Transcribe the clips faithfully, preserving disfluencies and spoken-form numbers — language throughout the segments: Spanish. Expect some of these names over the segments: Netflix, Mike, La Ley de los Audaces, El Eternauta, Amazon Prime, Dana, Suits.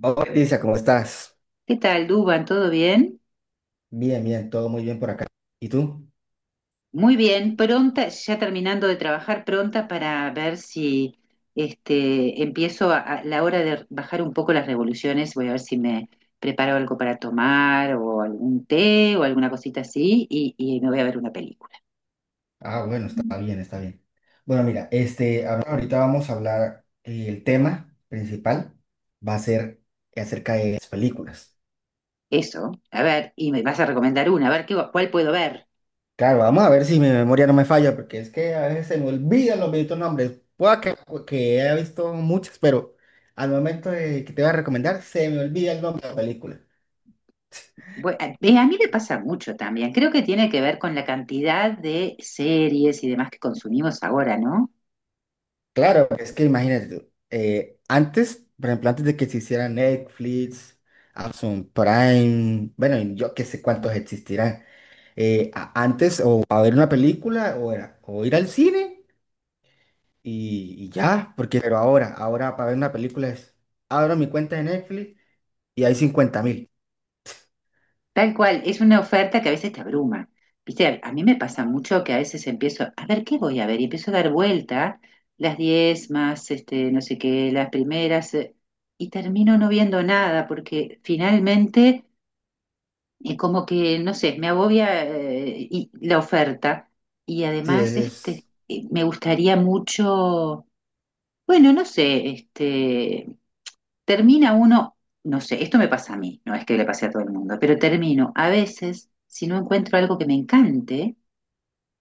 Hola, Lisa, ¿cómo estás? ¿Qué tal, Duban? ¿Todo bien? Bien, bien, todo muy bien por acá. ¿Y tú? Muy bien, pronta, ya terminando de trabajar, pronta para ver si este, empiezo a, a la hora de bajar un poco las revoluciones. Voy a ver si me preparo algo para tomar o algún té o alguna cosita así y, y me voy a ver una película. Ah, bueno, está bien, está bien. Bueno, mira, este, ahor- ahorita vamos a hablar, eh, el tema principal va a ser acerca de las películas. Eso, a ver, y me vas a recomendar una, a ver qué, cuál puedo ver. Claro, vamos a ver si mi memoria no me falla, porque es que a veces se me olvidan los benditos nombres. Pueda que, que haya visto muchas, pero al momento de que te voy a recomendar, se me olvida el nombre de la película. Bu- a ve, a mí me pasa mucho también. Creo que tiene que ver con la cantidad de series y demás que consumimos ahora, ¿no? Claro, es que imagínate, tú, eh, antes, por ejemplo, antes de que se hiciera Netflix, Amazon Prime, bueno, y yo qué sé cuántos existirán, eh, a- antes o a ver una película o, era, o ir al cine y, y ya, porque, pero ahora, ahora para ver una película es, abro mi cuenta de Netflix y hay cincuenta mil. Tal cual, es una oferta que a veces te abruma. Viste, a mí me pasa mucho que a veces empiezo, a ver, ¿qué voy a ver? Y empiezo a dar vueltas, las diez más, este, no sé qué, las primeras, eh, y termino no viendo nada, porque finalmente, eh, como que, no sé, me agobia, eh, y- la oferta. Y Sí, es, además, este, es- eh, me gustaría mucho, bueno, no sé, este, Termina uno, no sé, esto me pasa a mí, no es que le pase a todo el mundo, pero termino a veces, si no encuentro algo que me encante,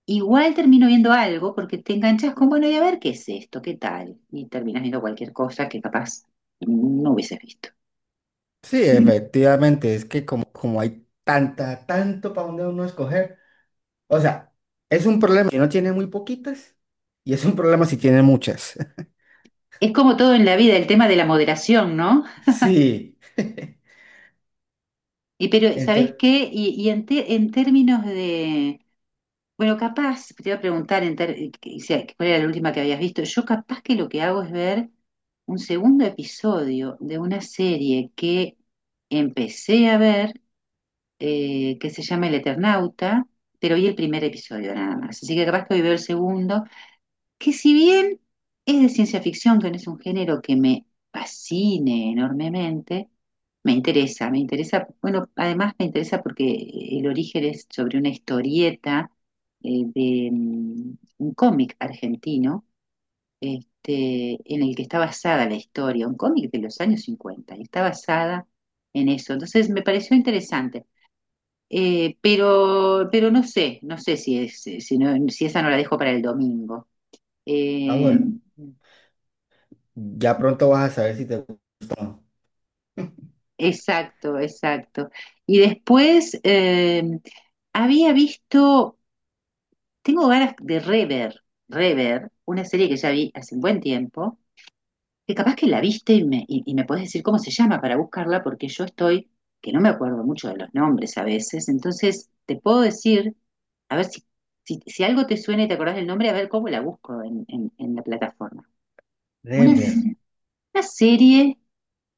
igual termino viendo algo porque te enganchas con, bueno, y a ver qué es esto, qué tal, y terminas viendo cualquier cosa que capaz no hubieses visto. sí, efectivamente, es que como, como hay tanta, tanto para donde uno escoger. O sea, es un problema si no tiene muy poquitas y es un problema si tiene muchas. Es como todo en la vida, el tema de la moderación, ¿no? Sí. Y pero, ¿sabes Entonces, qué? Y, y en, te- en términos de, bueno, capaz, te iba a preguntar en ter- eh, que- si- cuál era la última que habías visto. Yo capaz que lo que hago es ver un segundo episodio de una serie que empecé a ver, eh, que se llama El Eternauta, pero vi el primer episodio nada más. Así que capaz que hoy veo el segundo, que si bien es de ciencia ficción, que no es un género que me fascine enormemente, me interesa, me interesa, bueno, además me interesa porque el origen es sobre una historieta eh, de mm, un cómic argentino, este, en el que está basada la historia, un cómic de los años cincuenta y está basada en eso. Entonces me pareció interesante. Eh, pero, pero no sé, no sé si es, si no- si esa no la dejo para el domingo. ah, Eh, bueno, ya pronto vas a saber si te gusta o no. Exacto, exacto. Y después eh, había visto, tengo ganas de rever, rever, una serie que ya vi hace un buen tiempo, que capaz que la viste y me, y, y me podés decir cómo se llama para buscarla, porque yo estoy, que no me acuerdo mucho de los nombres a veces, entonces te puedo decir, a ver si, si, si algo te suena y te acordás del nombre, a ver cómo la busco en, en- en la plataforma. Una, Reverb. una serie,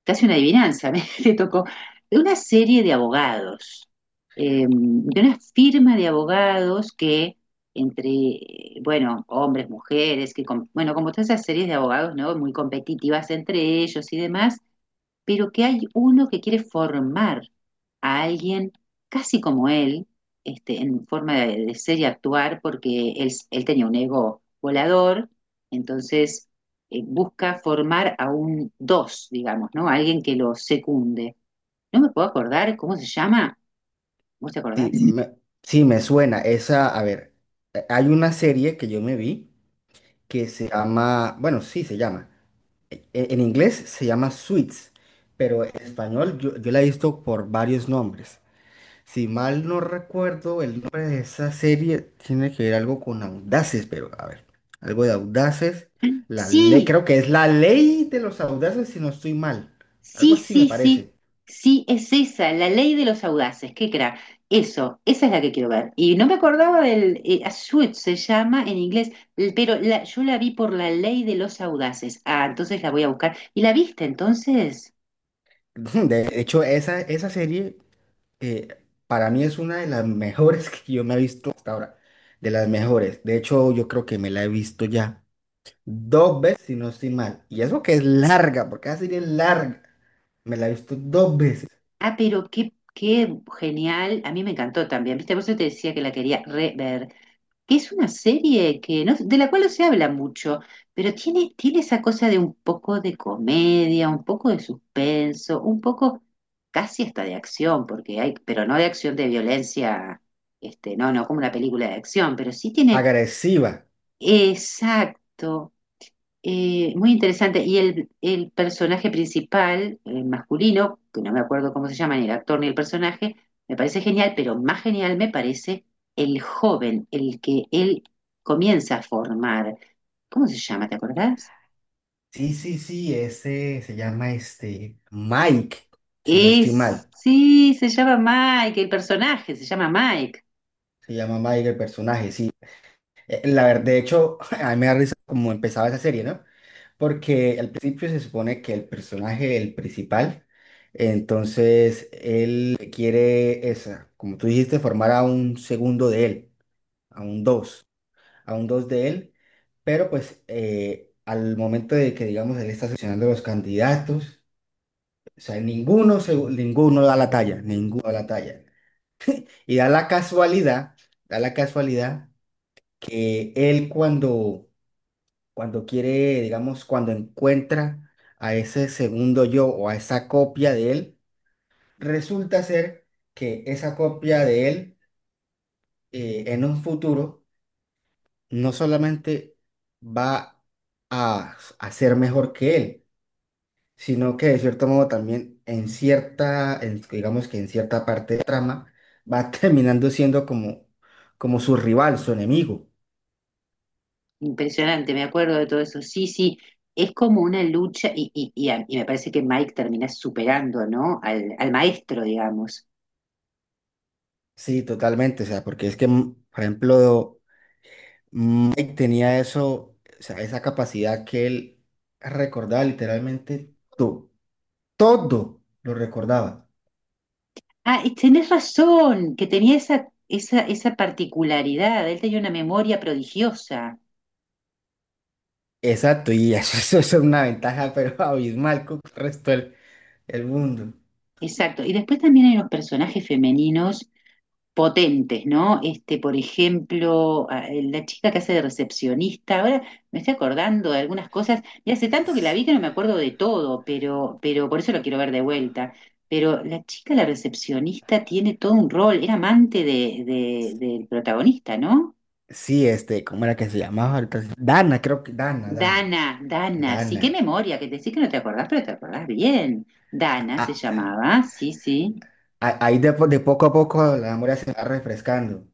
casi una adivinanza, me le tocó, de una serie de abogados, eh, de una firma de abogados que entre, eh, bueno, hombres, mujeres, que, com- bueno, como todas esas series de abogados, ¿no? Muy competitivas entre ellos y demás, pero que hay uno que quiere formar a alguien casi como él, este, en forma de, de ser y actuar, porque él, él tenía un ego volador, entonces eh, busca formar a un dos, digamos, ¿no? Alguien que lo secunde. No me puedo acordar cómo se llama. ¿Vos te acordás? Sí, me, sí, me suena. Esa, a ver, eh, hay una serie que yo me vi que se llama, bueno, sí, se llama. e- e- En inglés se llama Suits, pero en español yo, yo la he visto por varios nombres. Si mal no recuerdo, el nombre de esa serie tiene que ver algo con audaces, pero a ver, algo de audaces. La ley, Sí, creo que es la ley de los audaces, si no estoy mal. Algo sí, así me sí, sí, parece. sí, es esa, la ley de los audaces, qué crack. Eso, esa es la que quiero ver. Y no me acordaba del, eh, A Suit se llama en inglés, l- pero la- yo la vi por la ley de los audaces. Ah, entonces la voy a buscar. ¿Y la viste entonces? De hecho, esa, esa serie eh, para mí es una de las mejores que yo me he visto hasta ahora. De las mejores. De hecho, yo creo que me la he visto ya dos veces, si no estoy mal. Y eso que es larga, porque esa serie es larga. Me la he visto dos veces. Ah, pero qué, qué genial, a mí me encantó también, ¿viste? Por eso te decía que la quería rever, que es una serie que no, de la cual no se habla mucho, pero tiene, tiene esa cosa de un poco de comedia, un poco de suspenso, un poco casi hasta de acción, porque hay, pero no de acción de violencia, este, no, no como una película de acción, pero sí tiene, Agresiva. exacto, eh, muy interesante. Y el, el personaje principal, el masculino, que no me acuerdo cómo se llama, ni el actor ni el personaje, me parece genial, pero más genial me parece el joven, el que él comienza a formar. ¿Cómo se llama? ¿Te acordás? Sí, sí, sí, ese se llama este Mike, si no estoy Es, mal. sí, se llama Mike, el personaje se llama Mike. Se llama Mike el personaje, sí. Eh, la verdad, de hecho, a mí me da risa cómo empezaba esa serie, ¿no? Porque al principio se supone que el personaje, el principal, entonces él quiere esa, como tú dijiste, formar a un segundo de él, a un dos, a un dos de él, pero pues eh, al momento de que, digamos, él está seleccionando los candidatos. O sea, ninguno, se- ninguno da la talla, ninguno da la talla. Y da la casualidad, da la casualidad que él cuando, cuando quiere, digamos, cuando encuentra a ese segundo yo o a esa copia de él, resulta ser que esa copia de él eh, en un futuro no solamente va a, a ser mejor que él, sino que de cierto modo también en cierta, en- digamos que en cierta parte de trama, va terminando siendo como, como su rival, su enemigo. Impresionante, me acuerdo de todo eso. Sí, sí, es como una lucha y, y- y a- y me parece que Mike termina superando, ¿no? Al, al maestro, digamos. Sí, totalmente, o sea, porque es que, mm, por ejemplo, Mike tenía eso, o sea, esa capacidad que él recordaba literalmente todo, todo lo recordaba. Ah, y tenés razón, que tenía esa, esa, esa particularidad, él tenía una memoria prodigiosa, Exacto, y eso, eso es una ventaja, pero abismal con el resto del, el mundo. exacto. Y después también hay unos personajes femeninos potentes, ¿no? Este, por ejemplo, a- eh, la chica que hace de recepcionista. Ahora me estoy acordando de algunas cosas, y hace tanto que la Es- vi que no me acuerdo de todo, pero, pero por eso lo quiero ver de vuelta. Pero la chica, la recepcionista, tiene todo un rol, era amante de, de- del protagonista, ¿no? sí, este, ¿cómo era que se llamaba? Ahorita sí. Dana, creo que, Dana, Dana. Dana, Dana, sí, qué Dana. memoria, que decís que no te acordás, pero te acordás bien. Dana se A- llamaba, sí, sí. a- ahí de, po- de poco a poco la memoria se va refrescando.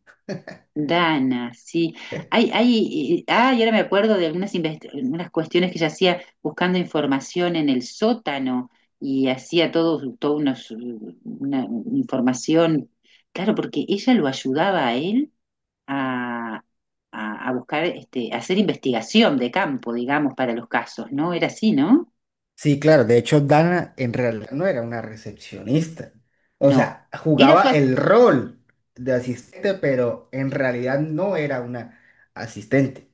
Dana, sí. ¿Eh? Ay, ay, ah, y ahora me acuerdo de algunas invest- algunas cuestiones que ella hacía buscando información en el sótano, y hacía todo, todo unos- una información. Claro, porque ella lo ayudaba a él a, a, a buscar, este, a hacer investigación de campo, digamos, para los casos, ¿no? Era así, ¿no? Sí, claro, de hecho Dana en realidad no era una recepcionista. O No. sea, Era jugaba su, el rol de asistente, pero en realidad no era una asistente.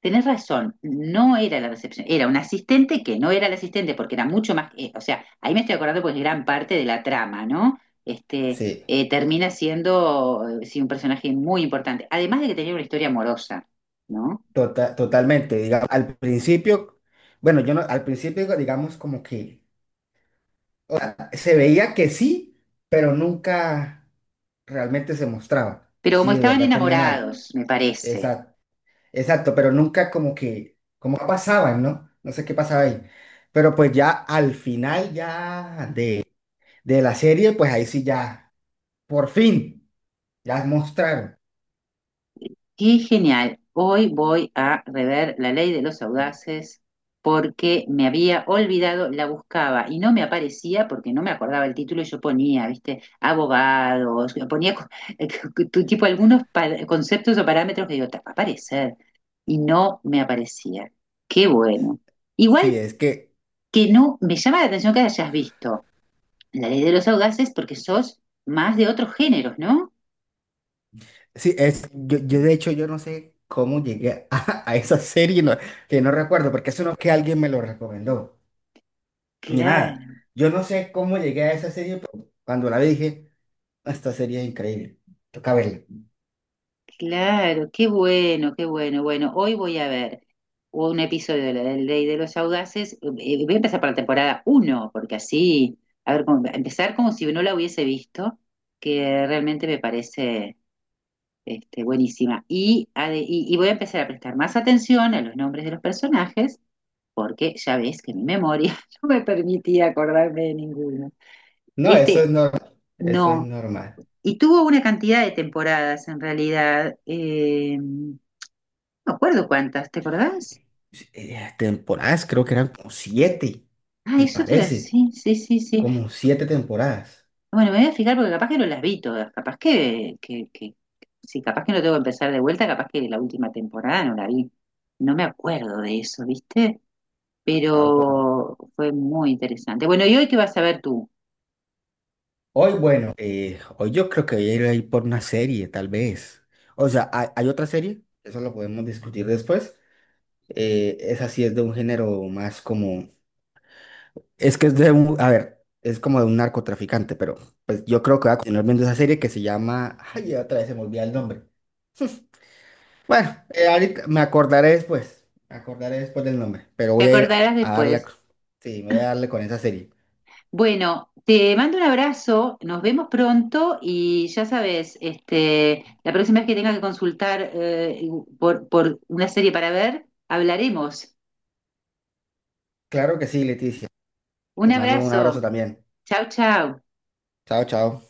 Tenés razón, no era la recepción, era un asistente que no era el asistente porque era mucho más, eh, o sea, ahí me estoy acordando pues gran parte de la trama, ¿no? Este, Sí, eh, termina siendo, eh, sí, un personaje muy importante, además de que tenía una historia amorosa, ¿no? tota- totalmente. Digamos, al principio, bueno, yo no, al principio digamos como que o sea, se veía que sí, pero nunca realmente se mostraba que Pero como sí, de estaban verdad tenían algo. enamorados, me parece. Exacto. Exacto, pero nunca como que, como pasaban, ¿no? No sé qué pasaba ahí. Pero pues ya al final ya de, de la serie, pues ahí sí ya, por fin, ya mostraron. Qué genial. Hoy voy a rever La Ley de los Audaces porque me había olvidado, la buscaba y no me aparecía porque no me acordaba el título, y yo ponía, viste, abogados, ponía co- tu- tipo algunos pa- conceptos o parámetros, que digo: "Ta, va a aparecer", y no me aparecía. Qué bueno. Sí, Igual es que, que no, me llama la atención que hayas visto La Ley de los Audaces porque sos más de otros géneros, ¿no? sí, es, yo, yo de hecho yo no sé cómo llegué a, a esa serie, no- que no recuerdo, porque eso no es que alguien me lo recomendó, ni nada. Claro. Yo no sé cómo llegué a esa serie, pero cuando la vi dije, "Ah, esta serie es increíble, toca verla. Claro, qué bueno, qué bueno. Bueno, hoy voy a ver un episodio de la Ley de los Audaces. Eh, eh, Voy a empezar por la temporada uno, porque así, a ver, como- empezar como si no la hubiese visto, que realmente me parece este, buenísima. Y, a de- y, y voy a empezar a prestar más atención a los nombres de los personajes, porque ya ves que mi memoria no me permitía acordarme de ninguno. No, eso Este, es normal, eso es no. normal. Y tuvo una cantidad de temporadas en realidad. Eh, No me acuerdo cuántas, ¿te acordás? Sí, eh, temporadas, creo que eran como siete, Ah, me eso te iba a parece, decir, sí, sí, sí, sí. como siete temporadas. Bueno, me voy a fijar porque capaz que no las vi todas, capaz que, que, que, sí, capaz que no tengo que empezar de vuelta, capaz que la última temporada no la vi. No me acuerdo de eso, ¿viste? Ah, bueno. Pero fue muy interesante. Bueno, ¿y hoy qué vas a ver tú? Hoy, bueno, eh, hoy yo creo que voy a ir ahí por una serie, tal vez. O sea, hay, hay otra serie, eso lo podemos discutir después. Eh, esa sí es de un género más como... Es que es de un... A ver, es como de un narcotraficante, pero pues yo creo que voy a continuar viendo esa serie que se llama... Ay, otra vez se me olvida el nombre. Bueno, eh, ahorita me acordaré después. Me acordaré después del nombre. Pero Te voy a ir acordarás a darle. después. Sí, voy a darle con esa serie. Bueno, te mando un abrazo, nos vemos pronto y ya sabes, este, la próxima vez que tengas que consultar eh, por, por una serie para ver, hablaremos. Claro que sí, Leticia. Un Te mando un abrazo abrazo. también. Chau, chau. Chao, chao.